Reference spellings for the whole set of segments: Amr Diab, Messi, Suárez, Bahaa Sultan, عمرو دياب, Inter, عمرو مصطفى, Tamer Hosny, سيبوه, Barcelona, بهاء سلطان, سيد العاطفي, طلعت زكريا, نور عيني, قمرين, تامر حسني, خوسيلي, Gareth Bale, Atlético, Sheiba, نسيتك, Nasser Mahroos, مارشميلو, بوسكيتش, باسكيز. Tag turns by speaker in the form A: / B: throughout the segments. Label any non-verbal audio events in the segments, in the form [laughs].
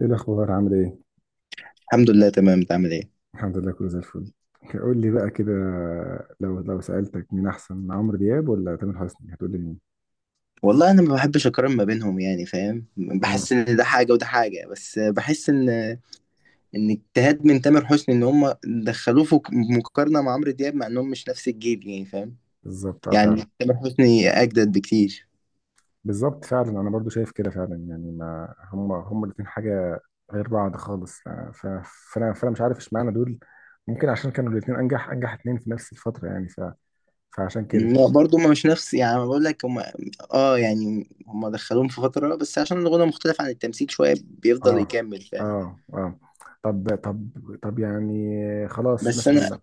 A: ايه الاخبار، عامل ايه؟
B: الحمد لله تمام، انت عامل ايه؟
A: الحمد لله، كله زي الفل. قول لي بقى كده، لو سالتك مين احسن، عمرو دياب ولا تامر حسني، هتقول لي مين؟
B: والله انا ما بحبش اقارن ما بينهم، يعني فاهم،
A: امم
B: بحس ان ده حاجه وده حاجه، بس بحس ان اجتهاد من تامر حسني ان هم دخلوه في مقارنه مع عمرو دياب مع انهم مش نفس الجيل، يعني فاهم.
A: بالظبط، فعلا.
B: يعني تامر حسني اجدد بكتير.
A: بالظبط فعلا، انا برضو شايف كده فعلا، يعني ما هم الاثنين حاجه غير بعض خالص. فانا مش عارف اشمعنى دول. ممكن عشان كانوا الاثنين انجح اثنين في نفس الفتره، يعني فعشان كده.
B: لا، برضه ما مش نفس، يعني أنا بقول لك هم اه يعني هم دخلوهم في فتره، بس عشان الغنى مختلف عن التمثيل شويه بيفضل
A: اه،
B: يكمل، فاهم.
A: اه، اه. طب طب يعني، خلاص
B: بس انا
A: مثلا.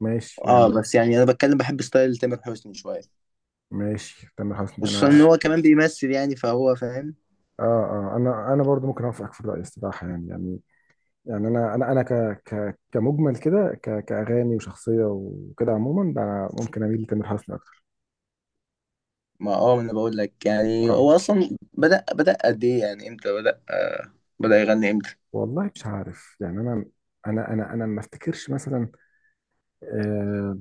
A: ماشي
B: اه
A: يعني.
B: بس يعني انا بتكلم بحب ستايل تامر حسني شويه،
A: ماشي، تامر حسني،
B: خصوصا ان
A: انا.
B: هو كمان بيمثل يعني فهو فاهم.
A: اه، اه، انا برضو ممكن اوافقك في الراي الصراحه، يعني، يعني انا ك ك كمجمل كده، كاغاني وشخصيه وكده، عموما بقى، ممكن اميل لتامر حسني اكتر.
B: ما اه ما انا بقول لك، يعني
A: اه
B: هو اصلا بدأ قد ايه، يعني امتى بدأ آه، بدأ يغني امتى.
A: والله مش عارف يعني. انا انا ما افتكرش مثلا، آه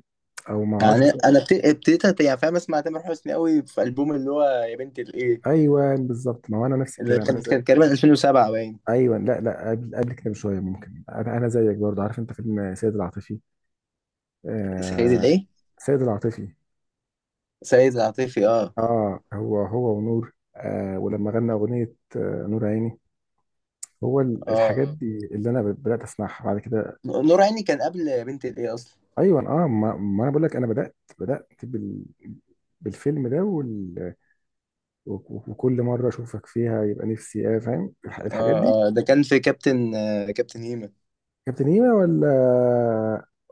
A: او ما اعرفش
B: يعني
A: مثلا.
B: انا ابتديت يعني فاهم اسمع تامر حسني قوي في البوم اللي هو يا بنت الايه،
A: ايوه بالظبط، ما هو انا نفس
B: اللي
A: الكلام، انا
B: كان
A: زي.
B: كان تقريبا 2007 باين.
A: ايوه، لا، لا، قبل كده بشويه. ممكن انا، أنا زيك برضو. عارف انت فيلم سيد العاطفي؟
B: سيد
A: آه،
B: الايه؟
A: سيد العاطفي.
B: سيد العاطفي، اه
A: اه، هو ونور، ولما غنى اغنيه، آه، نور عيني. هو
B: اه.
A: الحاجات دي اللي انا بدات اسمعها بعد كده.
B: نور عيني كان قبل يا بنت الايه اصلا.
A: ايوه اه، ما انا بقول لك، انا بدات بالفيلم ده وال... وكل مره اشوفك فيها يبقى نفسي ايه، فاهم؟ الحاجات دي.
B: اه اه، ده كان في كابتن آه، كابتن هيما.
A: كابتن هيما ولا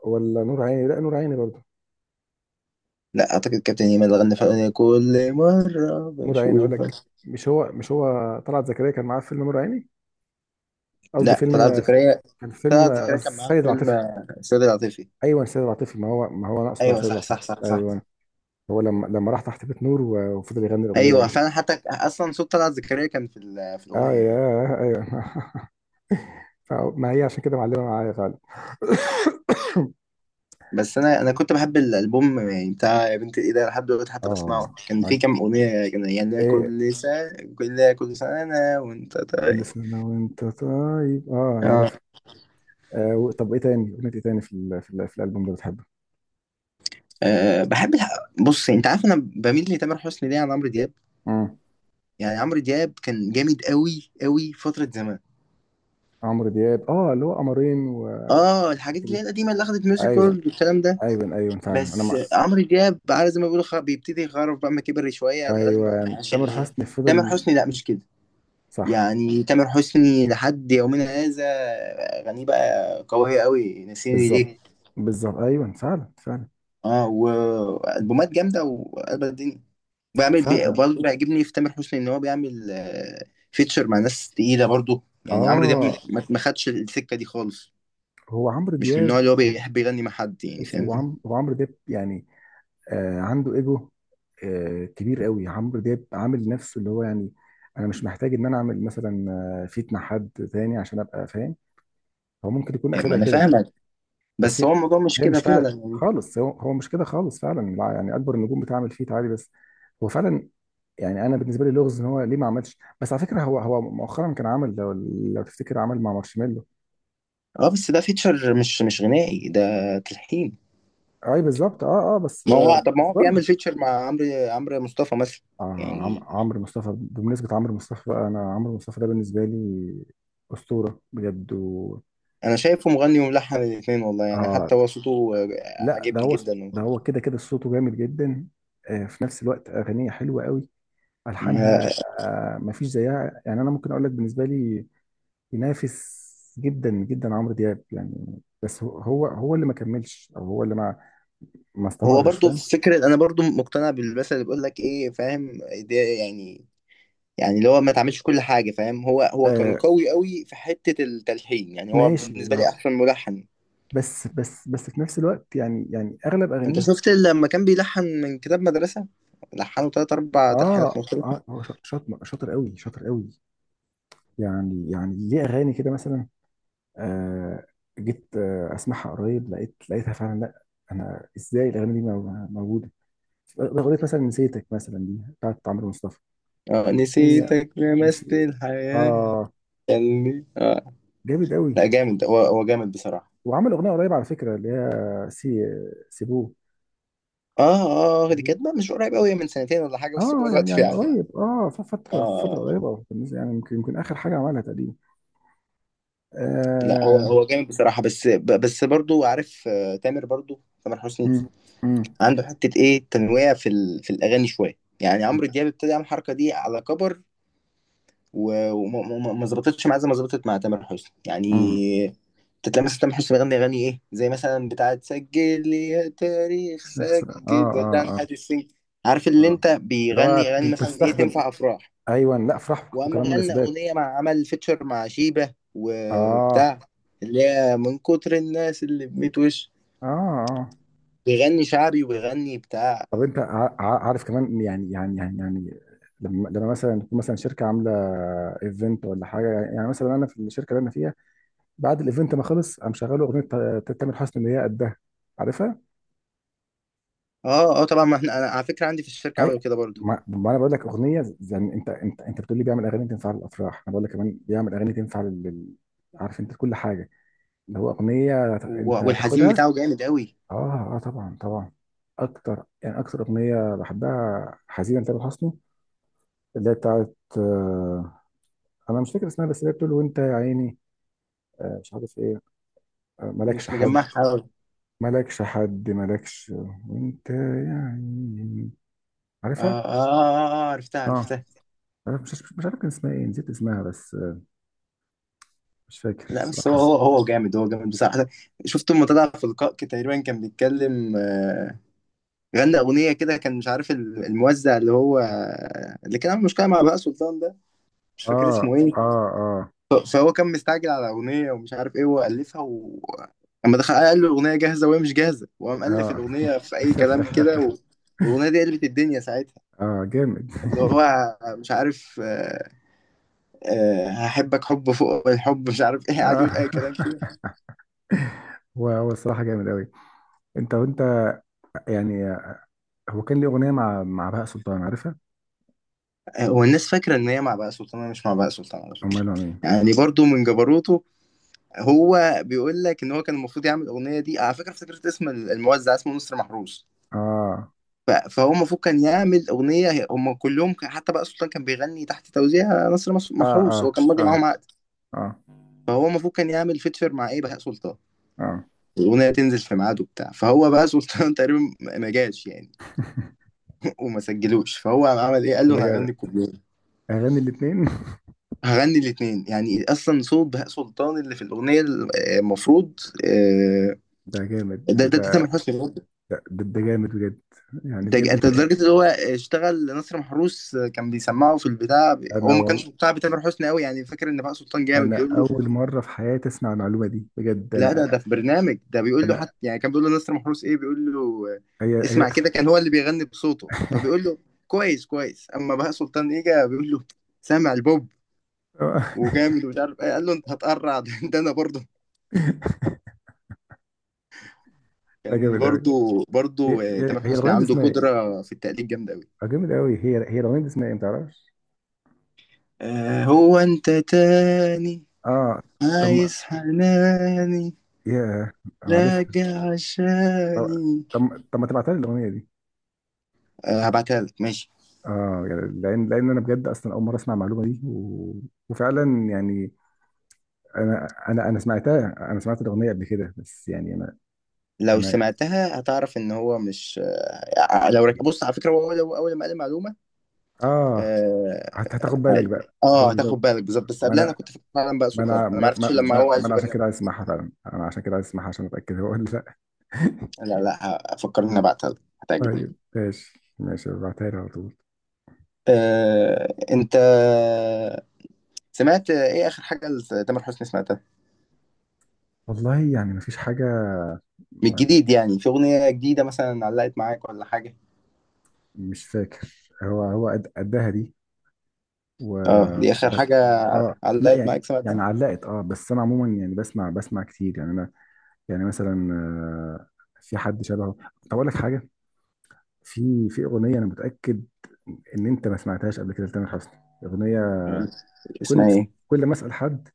A: ولا نور عيني؟ لا، نور عيني برضه.
B: لا اعتقد كابتن هيما اللي غنى في الأغنية كل مرة
A: نور عيني اقول
B: بشوفك.
A: لك. مش هو طلعت زكريا كان معاه في فيلم نور عيني؟ قصدي
B: لا طلعت
A: فيلم،
B: زكريا.
A: كان فيلم
B: طلعت زكريا كان معاه في
A: السيد
B: فيلم
A: العاطفي.
B: آه، سيد العاطفي.
A: ايوه سيد العاطفي. ما هو انا اقصد على
B: ايوه
A: سيد
B: صح
A: العاطفي.
B: صح صح صح.
A: ايوه. هو لما راح تحت بيت نور، وفضل يغني الاغنيه
B: ايوه،
A: دي.
B: فانا حتى اصلا صوت طلعت زكريا كان في
A: اه
B: الاغنيه يعني.
A: ياه، ايوه. [laughs] ما هي عشان كده معلمه معايا غالب.
B: بس انا كنت بحب الالبوم يعني بتاع يا بنت الايه ده لحد دلوقتي حتى
A: اه،
B: بسمعه، كان في كام
A: عج-
B: اغنيه، كان يعني
A: ايه.
B: كل سنه، كل سنه أنا وانت
A: كل
B: طيب،
A: سنه وانت طيب. اه
B: اه.
A: عارف. آه، طب ايه تاني اغنيه، ايه تاني في الالبوم ده بتحبه؟
B: آه، بحب بص، يعني انت عارف انا بميل لتامر حسني ليه عن عمرو دياب.
A: امم
B: يعني عمرو دياب كان جامد قوي قوي فتره زمان،
A: عمرو دياب، اللي هو قمرين والحته
B: اه الحاجات اللي
A: دي.
B: هي القديمه اللي اخدت ميوزك
A: ايوه،
B: وورلد والكلام ده.
A: ايوه، ايوه فعلا، انا
B: بس
A: مع.
B: عمرو دياب على زي ما بيقولوا بيبتدي يخرف بقى ما كبر شويه، الاغاني ما
A: ايوه،
B: هياش
A: تامر
B: اللي هي.
A: حسني
B: تامر
A: فضل.
B: حسني لا مش كده،
A: صح.
B: يعني تامر حسني لحد يومنا هذا اغانيه بقى قويه قوي، نسيني ليه
A: بالظبط بالظبط، ايوه فعلا فعلا.
B: اه، والبومات جامده وقلب الدنيا.
A: فعلا
B: برضه بيعجبني في تامر حسني ان هو بيعمل آه، فيتشر مع ناس تقيله، برضه يعني عمرو دياب
A: اه
B: ما خدش السكه دي خالص،
A: هو عمرو
B: مش من
A: دياب.
B: النوع اللي هو بيحب يغني مع حد يعني
A: بص،
B: فاهم.
A: هو هو عمرو دياب يعني، آه، عنده ايجو، آه، كبير قوي. عمرو دياب عامل نفسه اللي هو، يعني انا مش محتاج ان انا اعمل مثلا، آه، فيت مع حد تاني عشان ابقى فاهم. هو ممكن يكون
B: يعني ما
A: اخدها
B: انا
A: كده.
B: فاهمك،
A: بس
B: بس
A: هي
B: هو الموضوع مش
A: هي
B: كده
A: مش
B: فعلا
A: كده
B: يعني.
A: خالص، هو مش كده خالص فعلا. لا، يعني اكبر النجوم بتعمل فيت عادي. بس هو فعلا. يعني انا بالنسبه لي لغز ان هو ليه ما عملش. بس على فكره هو مؤخرا كان عمل، لو تفتكر، عمل مع مارشميلو.
B: اه بس ده فيتشر، مش غنائي ده، تلحين.
A: اي بالظبط، اه، بس
B: ما
A: آه،
B: هو طب ما
A: بس
B: هو بيعمل
A: برضه.
B: فيتشر مع عمرو، عمرو مصطفى مثلا.
A: آه،
B: يعني
A: عمرو مصطفى. بمناسبة عمرو مصطفى بقى، أنا عمرو مصطفى ده بالنسبة لي أسطورة بجد و...
B: انا شايفه مغني وملحن الاثنين والله، يعني
A: آه
B: حتى هو صوته آه،
A: لا، ده
B: عاجبني
A: هو،
B: جدا.
A: ده هو كده، كده صوته جامد جدا. آه، في نفس الوقت أغانيه حلوة قوي،
B: ما-
A: ألحانها، آه، مفيش زيها. يعني أنا ممكن أقول لك بالنسبة لي ينافس جدا جدا عمرو دياب يعني. بس هو، هو اللي ما كملش، أو هو اللي ما
B: هو
A: استمرش،
B: برضو
A: فاهم؟
B: في فكرة، انا برضو مقتنع بالمثل اللي بيقول لك ايه فاهم، ده يعني، يعني اللي هو ما تعملش كل حاجة فاهم. هو كان
A: آه،
B: قوي قوي في حتة التلحين، يعني هو
A: ماشي.
B: بالنسبة لي
A: ما
B: احسن ملحن.
A: بس بس في نفس الوقت، يعني أغلب
B: انت
A: أغانيه.
B: شفت لما كان بيلحن من كتاب مدرسة، لحنوا تلات اربع تلحينات
A: اه،
B: مختلفة.
A: اه، هو شاطر، شاطر قوي، شاطر قوي. يعني ليه اغاني كده مثلا. آه، جيت اسمعها قريب، لقيتها فعلا. لا، انا ازاي الاغاني دي موجوده؟ اغنيه مثلا نسيتك مثلا، دي بتاعت عمرو مصطفى.
B: آه،
A: هي
B: نسيتك،
A: بس،
B: لمست الحياة،
A: اه
B: خلني، آه.
A: جامد قوي.
B: لا جامد ده، هو جامد بصراحة.
A: وعمل اغنيه قريب على فكره، اللي هي سي سيبوه.
B: اه اه، دي كانت بقى مش قريب قوي، من سنتين ولا حاجة، بس
A: اه
B: هو الوقت
A: يعني،
B: فيه عادي،
A: قريب، اه، في
B: اه.
A: فتره،
B: آه. اه.
A: قريبه، أو بالنسبة، يعني يمكن اخر حاجه عملها تقريبا.
B: لا هو
A: آه.
B: هو جامد بصراحة، بس بس برضو عارف آه، تامر، برضو تامر حسني
A: مم. مم.
B: عنده حتة ايه، تنويع في في الأغاني شوية، يعني عمرو دياب ابتدى يعمل الحركة دي على كبر، و- وما ما- ما- ما ظبطتش معاه زي ما ظبطت مع تامر حسني
A: مم.
B: يعني. تلاقي مثلا تامر حسني بيغني اغاني ايه، زي مثلا بتاعه سجل لي يا تاريخ
A: نغسل، اه،
B: سجل،
A: اه،
B: ودعنا،
A: اه.
B: هادي السجن. عارف اللي
A: اه
B: انت،
A: اللي هو
B: بيغني اغاني مثلا ايه
A: بتستخدم.
B: تنفع افراح،
A: ايوه لا، افراح
B: واما
A: وكمان
B: غنى
A: مناسبات.
B: اغنيه مع عمل فيتشر مع شيبه
A: اه،
B: وبتاع اللي هي من كتر الناس اللي بميت وش،
A: اه، اه.
B: بيغني شعبي وبيغني بتاع.
A: طب انت، عارف كمان يعني، يعني، لما مثلا تكون مثلا شركه عامله ايفنت ولا حاجه. يعني مثلا انا في الشركه اللي انا فيها، بعد الايفنت ما خلص، قام شغال اغنيه تامر حسني اللي هي قدها، عارفها؟
B: اه اه طبعا، ما احنا انا على فكره عندي في الشركه
A: اي،
B: عملوا كده برضو.
A: ما انا بقول لك، اغنيه زي يعني، انت بتقول لي بيعمل اغاني تنفع للافراح، انا بقول لك كمان بيعمل اغاني تنفع لل عارف انت كل حاجه، اللي هو أغنية أنت
B: والحزين
A: تاخدها.
B: بتاعه جامد قوي.
A: آه، آه، طبعا طبعا. أكتر يعني، أكتر أغنية بحبها حزينة تامر حسني اللي هي بتاعت، آه، أنا مش فاكر اسمها، بس اللي هي بتقول وأنت يا عيني، آه مش عارف إيه، آه مالكش
B: مش
A: حد،
B: مجمعها قوي.
A: مالكش حد، مالكش، وأنت يا عيني،
B: آه،
A: عارفها؟
B: آه، آه، اه عرفتها
A: آه،
B: عرفتها.
A: عارف- مش مش عارف كان اسمها إيه، نسيت اسمها بس، آه، مش فاكر
B: لا بس هو
A: صراحة.
B: هو هو جامد، هو جامد بصراحة. شفته لما طلع في لقاء كده تقريبا كان بيتكلم آه، غنى أغنية كده، كان مش عارف الموزع اللي هو اللي كان عامل مشكلة مع بهاء سلطان ده، مش فاكر
A: آه،
B: اسمه ايه.
A: آه، آه،
B: فهو كان مستعجل على أغنية ومش عارف ايه وألفها و... لما دخل قال له الأغنية جاهزة وهي مش جاهزة، وقام ألف
A: آه.
B: الأغنية في أي
A: [laughs]
B: كلام كده و... والأغنية دي قلبت الدنيا ساعتها.
A: آه، جامد.
B: اللي هو مش عارف آه، آه، هحبك حب فوق الحب مش عارف ايه، قاعد
A: آه.
B: يقول أي كلام كده.
A: [laughs] هو الصراحة جامد أوي. انت وانت يعني. هو كان ليه اغنيه مع بهاء سلطان، عارفها؟
B: هو الناس فاكرة إن هي مع بهاء سلطان، أنا مش مع بهاء سلطان على
A: او
B: فكرة،
A: ماله مين.
B: يعني برضو من جبروته. هو بيقول لك إن هو كان المفروض يعمل الأغنية دي، على فكرة افتكرت اسم الموزع، اسمه نصر محروس.
A: اه،
B: فهو المفروض كان يعمل أغنية، حتى بهاء سلطان كان بيغني تحت توزيع نصر
A: اه،
B: محروس، هو
A: اه،
B: كان ماضي
A: اه،
B: معاهم عقد.
A: اه،
B: فهو المفروض كان يعمل فيتشر مع إيه، بهاء سلطان،
A: اه.
B: الأغنية تنزل في ميعاده بتاع، فهو بهاء سلطان [laughs] تقريبا ما جاش يعني. [laughs] وما سجلوش، فهو عمل إيه، قال له
A: ده
B: أنا
A: جامد،
B: هغني الكوبليه،
A: اغاني الاثنين.
B: هغني الاتنين، يعني اصلا صوت بهاء سلطان اللي في الاغنيه المفروض آه،
A: [laughs] ده جامد.
B: ده
A: ده
B: ده ده تامر حسني برضه.
A: ده جامد بجد، يعني
B: ده
A: بجد.
B: ده لدرجه
A: [laughs]
B: ان هو اشتغل نصر محروس آه، كان بيسمعه في البتاع، هو
A: انا
B: ما
A: وال...
B: كانش مقتنع بتامر حسني قوي، يعني فاكر ان بهاء سلطان جامد،
A: انا
B: بيقول له
A: اول مره في حياتي اسمع المعلومه دي بجد.
B: لا. ده
A: انا،
B: ده في برنامج، ده بيقول له
A: انا
B: حتى يعني كان بيقول له نصر محروس ايه، بيقول له آه،
A: هي هي.
B: اسمع كده، كان هو اللي بيغني بصوته، فبيقول له كويس كويس. اما بهاء سلطان اجى، بيقول له سامع البوب
A: [laughs]
B: وجامد ومش عارف ايه، قال له انت هتقرع. [laughs] ده انا برضه
A: ده
B: كان
A: جامد قوي.
B: برضو
A: هي
B: برضو آه،
A: هي
B: تامر
A: هي
B: حسني
A: الاغنيه دي
B: عنده
A: اسمها ايه؟
B: قدرة في التقليد جامدة أوي.
A: آه جامد قوي، هي الاغنيه دي اسمها ايه، ما تعرفش؟
B: آه، هو أنت تاني،
A: اه. طب ما-
B: عايز حناني،
A: ياه انا عارفها.
B: راجع
A: طب،
B: عشاني.
A: طب ما تبعتها لي الاغنيه دي.
B: آه، هبعتها لك ماشي.
A: اه يعني، لان انا بجد اصلا اول مره اسمع المعلومه دي و... وفعلا يعني، انا سمعتها، انا سمعت الاغنيه قبل كده بس يعني،
B: لو
A: انا،
B: سمعتها هتعرف إن هو مش، آه، بص، على فكرة هو أول ما قال المعلومة
A: اه،
B: آه،
A: هتاخد بالك
B: أيوه.
A: بقى
B: آه،
A: بالظبط.
B: هتاخد بالك بالظبط، بس
A: ما
B: قبلها أنا
A: انا
B: كنت فاكر فعلا بقى
A: ما
B: سلطان،
A: انا
B: أنا ما
A: ما,
B: عرفتش
A: ما,
B: لما
A: ما,
B: هو قال
A: ما انا
B: في
A: عشان كده
B: برنامج.
A: عايز اسمعها فعلا، انا عشان كده عايز اسمعها عشان اتاكد هو ولا لا.
B: لا لا، هفكر إن أنا هبعتها لك هتعجبك.
A: طيب، ماشي ماشي، ابعتها لي على طول.
B: آه، أنت سمعت ايه اخر حاجه لتامر حسني سمعتها
A: والله يعني ما فيش حاجه.
B: من
A: ما
B: الجديد، يعني في اغنيه جديده مثلا، علقت معاك ولا حاجه؟
A: مش فاكر. هو قدها دي
B: اه
A: و...
B: دي اخر حاجه،
A: لا
B: علقت
A: يعني،
B: معاك
A: يعني
B: سمعتها؟
A: علقت، بس انا عموما يعني بسمع، كتير يعني انا. يعني مثلا، آه، في حد شبهه. طب اقول لك حاجه، في اغنيه انا متاكد ان انت ما سمعتهاش قبل كده لتامر حسني. اغنيه، كل
B: اسمها ايه؟
A: كل ما اسال حد،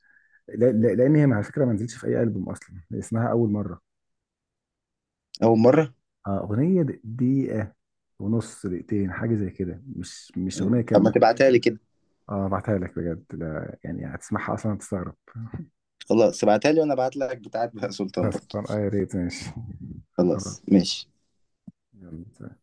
A: لان هي على فكره ما نزلتش في اي البوم اصلا. اسمها اول مره.
B: اول مره.
A: آه، اغنيه دقيقه ونص، دقيقتين، حاجه زي كده، مش اغنيه
B: مم، طب ما
A: كامله.
B: تبعتها لي كده.
A: اه بعتها لك بجد، لا يعني هتسمعها اصلا هتستغرب. [laughs]
B: خلاص ابعتها لي وانا ابعت لك بتاعت بهاء سلطان
A: بس
B: برضه.
A: طب، آه يا ريت. ماشي. [laughs] خلاص.
B: خلاص ماشي.
A: يلا.